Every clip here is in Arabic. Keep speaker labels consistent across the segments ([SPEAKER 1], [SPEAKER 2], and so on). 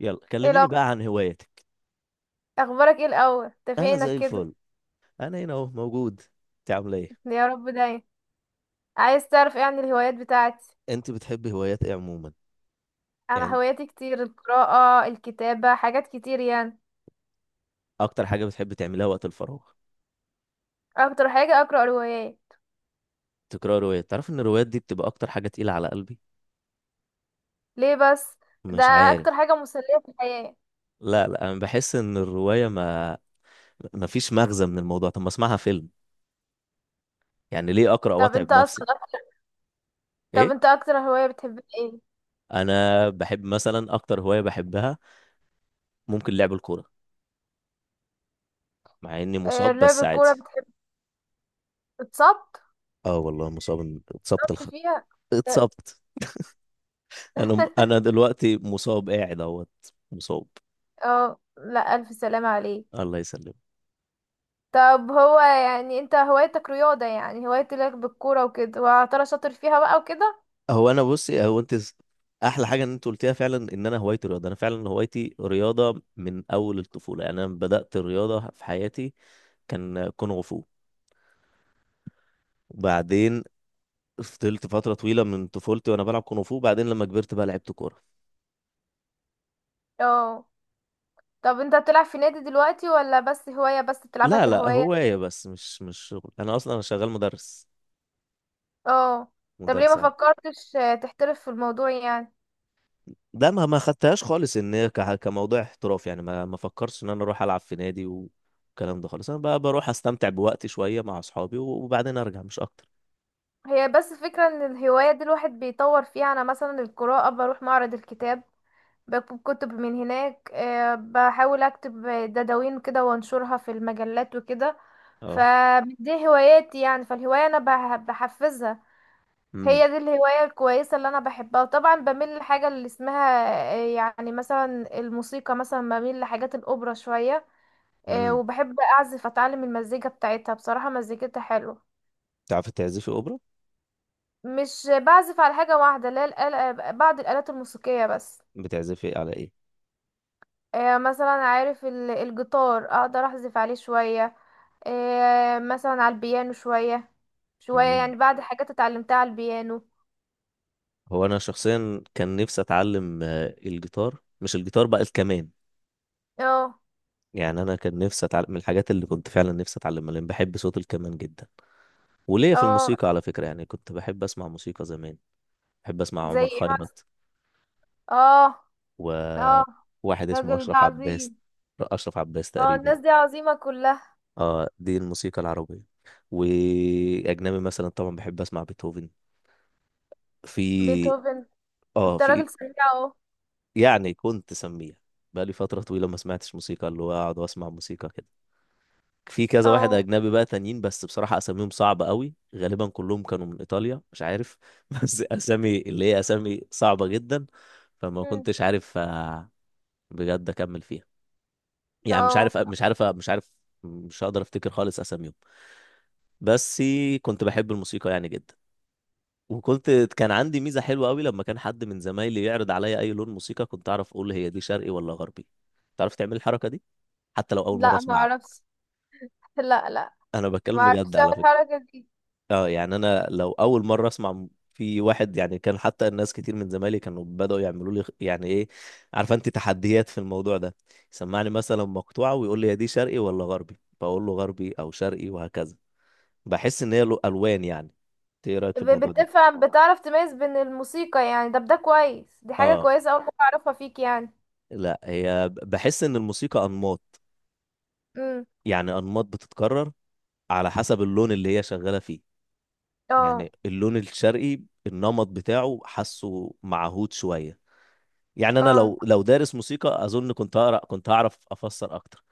[SPEAKER 1] يلا
[SPEAKER 2] ايه
[SPEAKER 1] كلميني
[SPEAKER 2] لو
[SPEAKER 1] بقى عن هواياتك.
[SPEAKER 2] اخبارك ايه الاول انت
[SPEAKER 1] انا
[SPEAKER 2] فينك
[SPEAKER 1] زي
[SPEAKER 2] كده؟
[SPEAKER 1] الفل. انا هنا اهو موجود. انت عامله ايه؟
[SPEAKER 2] يا رب دايما. عايز تعرف ايه عن الهوايات بتاعتي؟
[SPEAKER 1] انت بتحبي هوايات ايه عموما؟
[SPEAKER 2] انا
[SPEAKER 1] يعني،
[SPEAKER 2] هواياتي كتير، القراءة، الكتابة، حاجات كتير يعني.
[SPEAKER 1] اكتر حاجه بتحبي تعمليها وقت الفراغ؟
[SPEAKER 2] اكتر حاجة اقرأ روايات.
[SPEAKER 1] تقرا روايات؟ تعرف ان الروايات دي بتبقى اكتر حاجه تقيله على قلبي.
[SPEAKER 2] ليه بس؟ ده
[SPEAKER 1] مش عارف.
[SPEAKER 2] اكتر حاجة مسلية في الحياة.
[SPEAKER 1] لا، لا، انا بحس ان الروايه ما فيش مغزى من الموضوع. طب ما اسمعها فيلم. يعني، ليه اقرا
[SPEAKER 2] طب
[SPEAKER 1] واتعب
[SPEAKER 2] انت
[SPEAKER 1] نفسي؟
[SPEAKER 2] اصلا طب
[SPEAKER 1] ايه؟
[SPEAKER 2] انت اكتر هواية بتحب ايه؟
[SPEAKER 1] انا بحب مثلا، اكتر هوايه بحبها ممكن لعب الكوره. مع اني
[SPEAKER 2] آه،
[SPEAKER 1] مصاب،
[SPEAKER 2] لعب
[SPEAKER 1] بس عادي.
[SPEAKER 2] الكورة بتحب؟ تتصبط؟
[SPEAKER 1] اه، والله مصاب،
[SPEAKER 2] تصبت فيها.
[SPEAKER 1] اتصبت. انا دلوقتي مصاب، قاعد اهوت. مصاب.
[SPEAKER 2] اه، لا، الف سلامة عليك.
[SPEAKER 1] الله يسلمك.
[SPEAKER 2] طب هو يعني انت هوايتك رياضة، يعني هوايتك بالكورة وكده، وترى شاطر فيها بقى وكده؟
[SPEAKER 1] هو انا، بصي. احلى حاجه ان انت قلتيها فعلا ان انا هوايتي رياضه. انا فعلا هوايتي رياضه من اول الطفوله. يعني، انا بدات الرياضه في حياتي. كان كونغ فو. وبعدين، فضلت فتره طويله من طفولتي وانا بلعب كونغ فو. وبعدين لما كبرت بقى، لعبت كوره.
[SPEAKER 2] اه. طب انت بتلعب في نادي دلوقتي ولا بس هواية، بس بتلعبها
[SPEAKER 1] لا، لا،
[SPEAKER 2] كهواية؟
[SPEAKER 1] هوايه بس، مش شغل. انا اصلا انا شغال مدرس.
[SPEAKER 2] اه. طب ليه
[SPEAKER 1] مدرس.
[SPEAKER 2] ما فكرتش تحترف في الموضوع يعني؟
[SPEAKER 1] ده ما خدتهاش خالص ان هي كموضوع احتراف. يعني، ما فكرش ان انا اروح العب في نادي والكلام ده خالص. انا بقى بروح استمتع بوقتي شويه مع اصحابي وبعدين ارجع، مش اكتر.
[SPEAKER 2] هي بس فكرة ان الهواية دي الواحد بيطور فيها، انا مثلا القراءة بروح معرض الكتاب، بكتب كتب من هناك، بحاول اكتب دواوين كده وانشرها في المجلات وكده.
[SPEAKER 1] اه.
[SPEAKER 2] فدي هواياتي يعني، فالهواية انا بحفزها.
[SPEAKER 1] امم.
[SPEAKER 2] هي دي الهواية الكويسة اللي أنا بحبها، وطبعا بميل لحاجة اللي اسمها يعني مثلا الموسيقى، مثلا بميل لحاجات الأوبرا شوية.
[SPEAKER 1] امم.
[SPEAKER 2] وبحب أعزف، أتعلم المزيكا بتاعتها، بصراحة مزيكتها حلوة.
[SPEAKER 1] تعرفي تعزفي اوبرا؟
[SPEAKER 2] مش بعزف على حاجة واحدة، لا الآلة، بعض الآلات الموسيقية بس.
[SPEAKER 1] بتعزفي على ايه؟
[SPEAKER 2] مثلا عارف الجيتار أقدر أعزف عليه شوية. مثلا على البيانو شوية. شوية
[SPEAKER 1] امم.
[SPEAKER 2] يعني، بعض الحاجات اتعلمتها على البيانو.
[SPEAKER 1] هو انا شخصيا كان نفسي اتعلم الجيتار. مش الجيتار، بقى الكمان.
[SPEAKER 2] اه.
[SPEAKER 1] يعني، انا كان نفسي اتعلم من الحاجات اللي كنت فعلا نفسي اتعلمها، لان بحب صوت الكمان جدا. وليا في
[SPEAKER 2] اه،
[SPEAKER 1] الموسيقى على فكره. يعني كنت بحب اسمع موسيقى زمان. بحب اسمع
[SPEAKER 2] زي
[SPEAKER 1] عمر
[SPEAKER 2] ايه مثلا؟
[SPEAKER 1] خيرت.
[SPEAKER 2] اه اه،
[SPEAKER 1] وواحد اسمه
[SPEAKER 2] الراجل ده
[SPEAKER 1] أشرف عباس.
[SPEAKER 2] عظيم.
[SPEAKER 1] أشرف عباس
[SPEAKER 2] اه،
[SPEAKER 1] تقريبا.
[SPEAKER 2] الناس دي عظيمة كلها.
[SPEAKER 1] اه، دي الموسيقى العربية. وأجنبي مثلا، طبعا بحب أسمع بيتهوفن. في.
[SPEAKER 2] بيتهوفن؟
[SPEAKER 1] اه،
[SPEAKER 2] انت
[SPEAKER 1] في.
[SPEAKER 2] راجل سريع اهو.
[SPEAKER 1] يعني، كنت سميع. بقالي فترة طويلة ما سمعتش موسيقى، اللي هو أقعد وأسمع موسيقى كده. في كذا واحد
[SPEAKER 2] اه.
[SPEAKER 1] أجنبي بقى تانيين، بس بصراحة أساميهم صعبة قوي. غالبا كلهم كانوا من إيطاليا، مش عارف. بس أسامي اللي هي أسامي صعبة جدا. فما
[SPEAKER 2] مم.
[SPEAKER 1] كنتش عارف، بجد أكمل فيها. يعني، مش
[SPEAKER 2] اه.
[SPEAKER 1] عارف، مش عارف، مش عارف. مش هقدر افتكر خالص اساميهم. بس كنت بحب الموسيقى يعني، جدا. وكنت كان عندي ميزة حلوة قوي. لما كان حد من زمايلي يعرض عليا اي لون موسيقى، كنت اعرف اقول هي دي شرقي ولا غربي. تعرف تعمل الحركة دي؟ حتى لو اول مرة
[SPEAKER 2] لا، ما
[SPEAKER 1] اسمعها.
[SPEAKER 2] اعرفش. لا، لا.
[SPEAKER 1] انا
[SPEAKER 2] ما
[SPEAKER 1] بتكلم
[SPEAKER 2] اعرفش
[SPEAKER 1] بجد
[SPEAKER 2] أعمل
[SPEAKER 1] على فكرة.
[SPEAKER 2] الحركة دي.
[SPEAKER 1] اه، يعني، انا لو اول مرة اسمع، في واحد يعني كان، حتى الناس كتير من زمايلي كانوا بدأوا يعملوا لي يعني ايه. عارفه انت تحديات في الموضوع ده؟ يسمعني مثلا مقطوعة ويقول لي، هي دي شرقي ولا غربي، فاقول له غربي او شرقي، وهكذا. بحس ان هي له الوان، يعني. إنت ايه رايك في الموضوع ده؟
[SPEAKER 2] بتفهم، بتعرف تميز بين الموسيقى يعني، ده بده كويس، دي حاجة
[SPEAKER 1] اه،
[SPEAKER 2] كويسة اول مرة اعرفها فيك يعني.
[SPEAKER 1] لا، هي بحس ان الموسيقى انماط.
[SPEAKER 2] امم.
[SPEAKER 1] يعني، انماط بتتكرر. على حسب اللون اللي هي شغاله فيه.
[SPEAKER 2] اه.
[SPEAKER 1] يعني، اللون الشرقي، النمط بتاعه حاسه معهود شويه. يعني، انا
[SPEAKER 2] اه.
[SPEAKER 1] لو دارس موسيقى، اظن كنت هقرا، كنت هعرف افسر اكتر.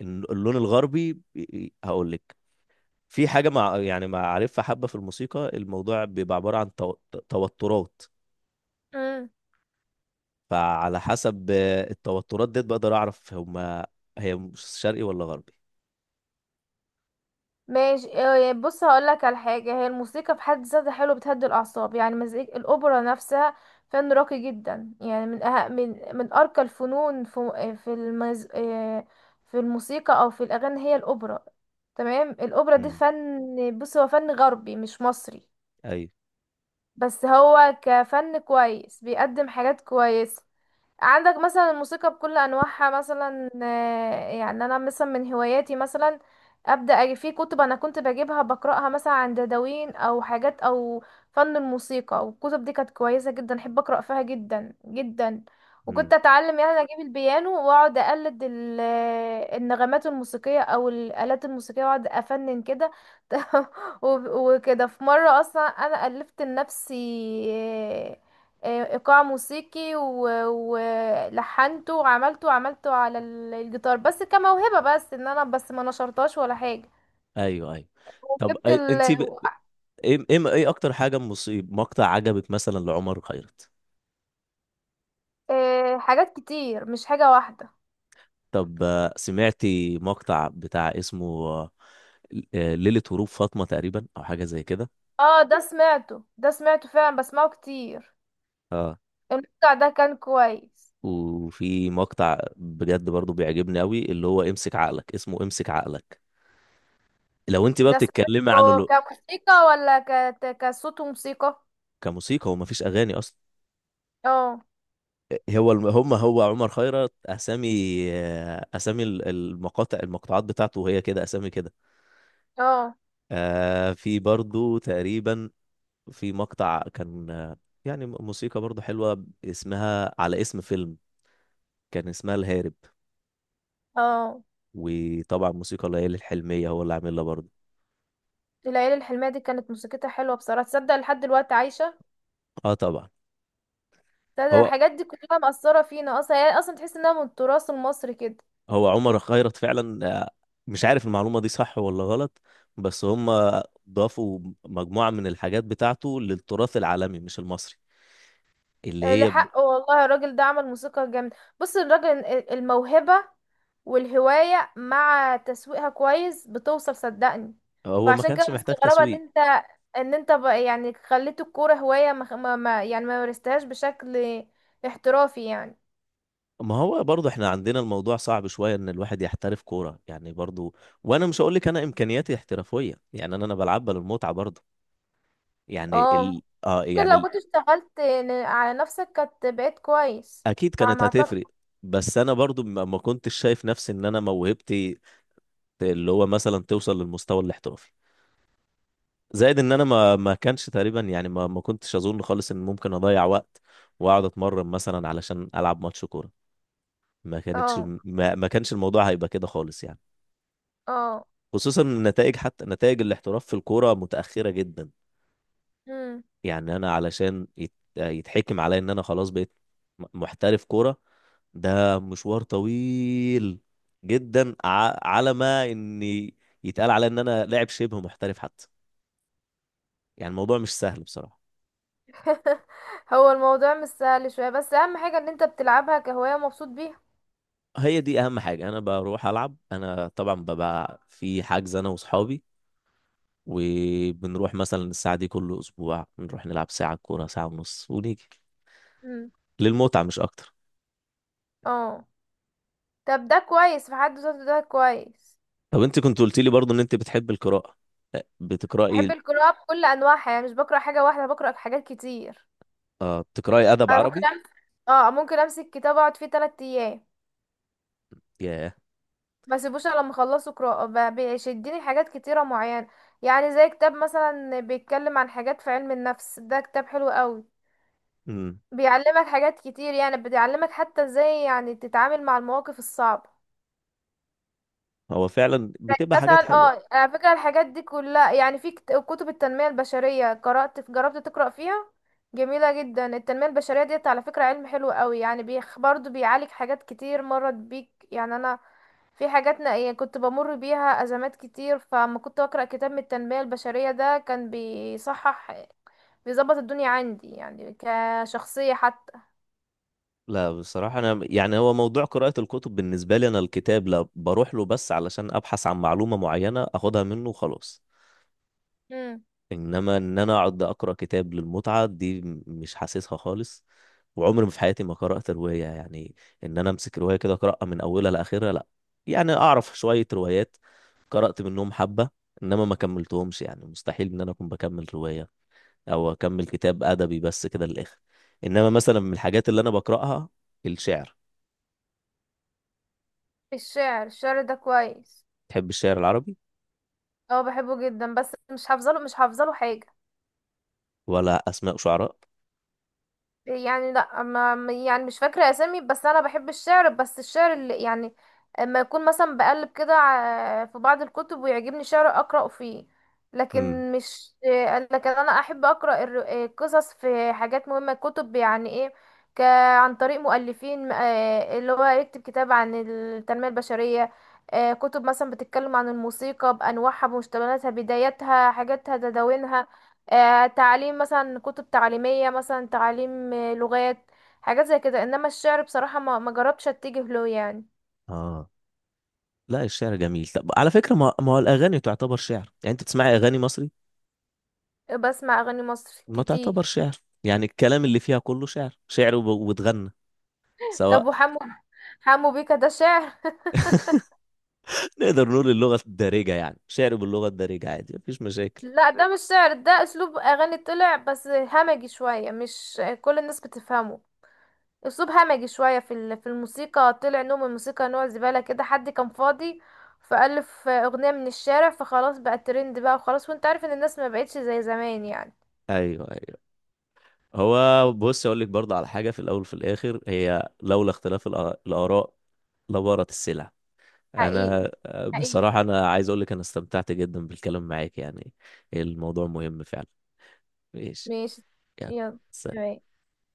[SPEAKER 1] اللون الغربي. هقول لك. في حاجه، مع يعني معرفه حبه في الموسيقى، الموضوع بيبقى عباره عن توترات.
[SPEAKER 2] مم.
[SPEAKER 1] فعلى حسب التوترات ديت، بقدر اعرف هما. هي مش شرقي ولا غربي.
[SPEAKER 2] ماشي إيه، بص هقولك على حاجة، هي الموسيقى في حد ذاتها حلو، بتهدي الأعصاب، يعني مزيكا الأوبرا نفسها فن راقي جدا، يعني من أه... من من أرقى الفنون في في المز... إيه، في الموسيقى أو في الأغاني هي الأوبرا. تمام، الأوبرا دي
[SPEAKER 1] امم.
[SPEAKER 2] فن، بص هو فن غربي مش مصري.
[SPEAKER 1] ايوه.
[SPEAKER 2] بس هو كفن كويس بيقدم حاجات كويسة. عندك مثلا الموسيقى بكل انواعها، مثلا يعني انا مثلا من هواياتي مثلا. ابدا أجي في كتب، انا كنت بجيبها بقراها مثلا، عن دواوين او حاجات او فن الموسيقى، والكتب دي كانت كويسه جدا، احب اقرا فيها جدا جدا. وكنت
[SPEAKER 1] امم.
[SPEAKER 2] اتعلم يعني، اجيب البيانو واقعد اقلد النغمات الموسيقيه او الالات الموسيقيه، واقعد افنن كده. وكده في مره اصلا انا الفت لنفسي آه، ايقاع موسيقي، ولحنته وعملته وعملته على الجيتار، بس كموهبة، بس ان انا بس ما نشرتهاش ولا حاجة.
[SPEAKER 1] ايوه، ايوه. طب،
[SPEAKER 2] وجبت
[SPEAKER 1] انت ب... ايه، ايه، ايه، اكتر حاجه مصيب مقطع عجبك مثلا لعمر خيرت؟
[SPEAKER 2] حاجات كتير، مش حاجة واحدة.
[SPEAKER 1] طب، سمعتي مقطع بتاع اسمه، ليله هروب فاطمه تقريبا، او حاجه زي كده؟
[SPEAKER 2] اه، ده سمعته، ده سمعته فعلا، بسمعه كتير.
[SPEAKER 1] اه،
[SPEAKER 2] المقطع ده كان كويس.
[SPEAKER 1] وفي مقطع بجد برضو بيعجبني قوي، اللي هو امسك عقلك، اسمه امسك عقلك. لو انت بقى
[SPEAKER 2] ده
[SPEAKER 1] بتتكلمي
[SPEAKER 2] سمعته
[SPEAKER 1] عن
[SPEAKER 2] كموسيقى ولا كصوت وموسيقى؟
[SPEAKER 1] كموسيقى. هو مفيش اغاني اصلا.
[SPEAKER 2] اه.
[SPEAKER 1] هو هم، هو عمر خيرت، اسامي. اسامي المقاطع، المقطوعات بتاعته هي كده، اسامي كده.
[SPEAKER 2] اه.
[SPEAKER 1] في برضو تقريبا. في مقطع كان، يعني، موسيقى برضو حلوة، اسمها على اسم فيلم. كان اسمها الهارب.
[SPEAKER 2] اه.
[SPEAKER 1] وطبعا، موسيقى ليالي الحلمية هو اللي عاملها برضو.
[SPEAKER 2] العيلة الحلمية دي كانت موسيقتها حلوة بصراحة، تصدق لحد دلوقتي عايشة؟
[SPEAKER 1] اه، طبعا.
[SPEAKER 2] ده
[SPEAKER 1] هو
[SPEAKER 2] الحاجات دي كلها مأثرة فينا اصلا يعني، اصلا تحس انها من التراث المصري كده.
[SPEAKER 1] هو عمر خيرت فعلا. مش عارف المعلومة دي صح ولا غلط. بس هم. ضافوا مجموعة من الحاجات بتاعته للتراث العالمي، مش المصري. اللي هي.
[SPEAKER 2] لحق والله الراجل ده عمل موسيقى جامدة، بص الراجل الموهبة والهواية مع تسويقها كويس بتوصل، صدقني.
[SPEAKER 1] هو ما
[SPEAKER 2] فعشان كده
[SPEAKER 1] كانش محتاج
[SPEAKER 2] مستغربة ان
[SPEAKER 1] تسويق.
[SPEAKER 2] انت يعني خليت الكورة هواية، يعني ما مارستهاش بشكل احترافي يعني.
[SPEAKER 1] ما هو برضه احنا عندنا الموضوع صعب شوية ان الواحد يحترف كورة، يعني برضه. وانا مش هقول لك انا امكانياتي احترافية. يعني، انا بلعبها للمتعة برضه. يعني
[SPEAKER 2] اه.
[SPEAKER 1] ال... اه
[SPEAKER 2] ممكن
[SPEAKER 1] يعني
[SPEAKER 2] لو
[SPEAKER 1] ال...
[SPEAKER 2] كنت اشتغلت على نفسك كانت بقيت كويس.
[SPEAKER 1] اكيد
[SPEAKER 2] على
[SPEAKER 1] كانت
[SPEAKER 2] ما اعتقد.
[SPEAKER 1] هتفرق. بس انا برضه ما كنتش شايف نفسي ان انا موهبتي. اللي هو مثلا توصل للمستوى الاحترافي. زائد ان انا ما كانش تقريبا. يعني، ما كنتش اظن خالص ان ممكن اضيع وقت. واقعد اتمرن مثلا علشان العب ماتش كورة. ما كانتش
[SPEAKER 2] اه.
[SPEAKER 1] ما, ما كانش الموضوع هيبقى كده خالص، يعني.
[SPEAKER 2] اه.
[SPEAKER 1] خصوصا النتائج، حتى نتائج الاحتراف في الكورة متأخرة جدا.
[SPEAKER 2] مم.
[SPEAKER 1] يعني، أنا علشان يتحكم عليا إن أنا خلاص بقيت محترف كورة. ده مشوار طويل جدا، على ما إني يتقال عليا إن أنا لاعب شبه محترف، حتى. يعني، الموضوع مش سهل بصراحة.
[SPEAKER 2] هو الموضوع مش سهل شوية، بس اهم حاجة ان انت بتلعبها كهواية ومبسوط بيها.
[SPEAKER 1] هي دي أهم حاجة. أنا بروح ألعب. أنا طبعا ببقى في حجز، أنا وأصحابي. وبنروح مثلا الساعة دي كل أسبوع، بنروح نلعب ساعة كورة، ساعة ونص، ونيجي.
[SPEAKER 2] مم.
[SPEAKER 1] للمتعة، مش أكتر.
[SPEAKER 2] اه. طب ده كويس في حد ذاته، ده كويس.
[SPEAKER 1] طب، انت كنت قلت لي برضو ان انت بتحب القراءة.
[SPEAKER 2] بحب
[SPEAKER 1] بتقرأي؟
[SPEAKER 2] القراءة بكل انواعها يعني، مش بقرا حاجة واحدة، بقرا حاجات كتير.
[SPEAKER 1] اه، بتقرأي ادب
[SPEAKER 2] انا ممكن
[SPEAKER 1] عربي؟
[SPEAKER 2] امسك اه ممكن امسك كتاب، اقعد فيه تلات ايام.
[SPEAKER 1] ياه.
[SPEAKER 2] ما اسيبوش الا لما اخلصه قراءة، بيشدني حاجات كتيرة معينة. يعني زي كتاب مثلا بيتكلم عن حاجات في علم النفس، ده كتاب حلو قوي.
[SPEAKER 1] امم.
[SPEAKER 2] بيعلمك حاجات كتير يعني، بيعلمك حتى ازاي يعني تتعامل مع المواقف الصعبة.
[SPEAKER 1] هو فعلا
[SPEAKER 2] يعني
[SPEAKER 1] بتبقى حاجات
[SPEAKER 2] مثلا
[SPEAKER 1] حلوة.
[SPEAKER 2] على فكرة الحاجات دي كلها يعني، في كتب التنمية البشرية، قرأت، جربت تقرأ فيها؟ جميلة جدا التنمية البشرية ديت، على فكرة علم حلو قوي يعني، بيخ برضو بيعالج حاجات كتير مرت بيك يعني، انا في حاجات نائية كنت بمر بيها أزمات كتير، فما كنت أقرأ كتاب من التنمية البشرية ده كان بيصحح، بيظبط الدنيا عندي يعني كشخصية حتى.
[SPEAKER 1] لا، بصراحة انا يعني، هو موضوع قراءة الكتب بالنسبة لي، انا الكتاب لا بروح له بس علشان ابحث عن معلومة معينة اخدها منه وخلاص.
[SPEAKER 2] مم.
[SPEAKER 1] انما ان انا اقعد اقرا كتاب للمتعه دي، مش حاسسها خالص. وعمري ما في حياتي ما قرات روايه، يعني. ان انا امسك روايه كده اقراها من اولها لاخرها، لا. يعني، اعرف شويه روايات. قرات منهم حبه. انما ما كملتهمش، يعني مستحيل ان انا اكون بكمل روايه. او اكمل كتاب ادبي بس كده للاخر. انما مثلا من الحاجات اللي انا بقراها: الشعر.
[SPEAKER 2] الشعر ده كويس.
[SPEAKER 1] تحب الشعر العربي؟
[SPEAKER 2] اه، بحبه جدا بس مش حافظه له حاجة.
[SPEAKER 1] ولا اسماء شعراء؟
[SPEAKER 2] يعني لا يعني مش فاكرة أسامي، بس أنا بحب الشعر، بس الشعر اللي يعني اما يكون مثلا بقلب كده في بعض الكتب ويعجبني شعر أقرأ فيه.
[SPEAKER 1] امم.
[SPEAKER 2] لكن مش لكن أنا أحب أقرأ القصص في حاجات مهمة، كتب يعني إيه، ك عن طريق مؤلفين اللي هو يكتب كتاب عن التنمية البشرية. كتب مثلا بتتكلم عن الموسيقى بأنواعها، بمشتقاتها، بداياتها، حاجاتها، تداوينها. تعليم، مثلا كتب تعليمية، مثلا تعليم لغات، حاجات زي كده. انما الشعر بصراحة ما جربتش اتجه له يعني.
[SPEAKER 1] اه، لا، الشعر جميل. طب على فكره، ما هو الاغاني تعتبر شعر، يعني انت تسمعي اغاني مصري؟
[SPEAKER 2] بسمع اغاني مصر
[SPEAKER 1] ما
[SPEAKER 2] كتير.
[SPEAKER 1] تعتبر شعر. يعني، الكلام اللي فيها كله شعر، شعر واتغنى.
[SPEAKER 2] طب
[SPEAKER 1] سواء.
[SPEAKER 2] وحمو حمو بيكا ده شعر؟
[SPEAKER 1] نقدر نقول اللغة الدارجة، يعني شعر باللغة الدارجة عادي، مفيش مشاكل.
[SPEAKER 2] لا، ده مش شعر، ده اسلوب اغاني طلع بس همجي شوية، مش كل الناس بتفهمه، اسلوب همجي شوية في الموسيقى، طلع نوع من الموسيقى، نوع زبالة كده، حد كان فاضي فألف أغنية من الشارع، فخلاص بقى الترند بقى، وخلاص، وانت عارف ان الناس ما بقتش زي زمان يعني.
[SPEAKER 1] ايوه، ايوه. هو بص، اقول لك برضه على حاجة. في الاول وفي الاخر، هي لولا اختلاف الاراء. لبارت السلع.
[SPEAKER 2] حقيقي،
[SPEAKER 1] انا
[SPEAKER 2] حقيقي.
[SPEAKER 1] بصراحة انا عايز اقول لك انا استمتعت جدا بالكلام معاك، يعني. الموضوع مهم فعلا. ماشي.
[SPEAKER 2] ماشي.
[SPEAKER 1] يعني.
[SPEAKER 2] يلا.
[SPEAKER 1] سلام.
[SPEAKER 2] تمام.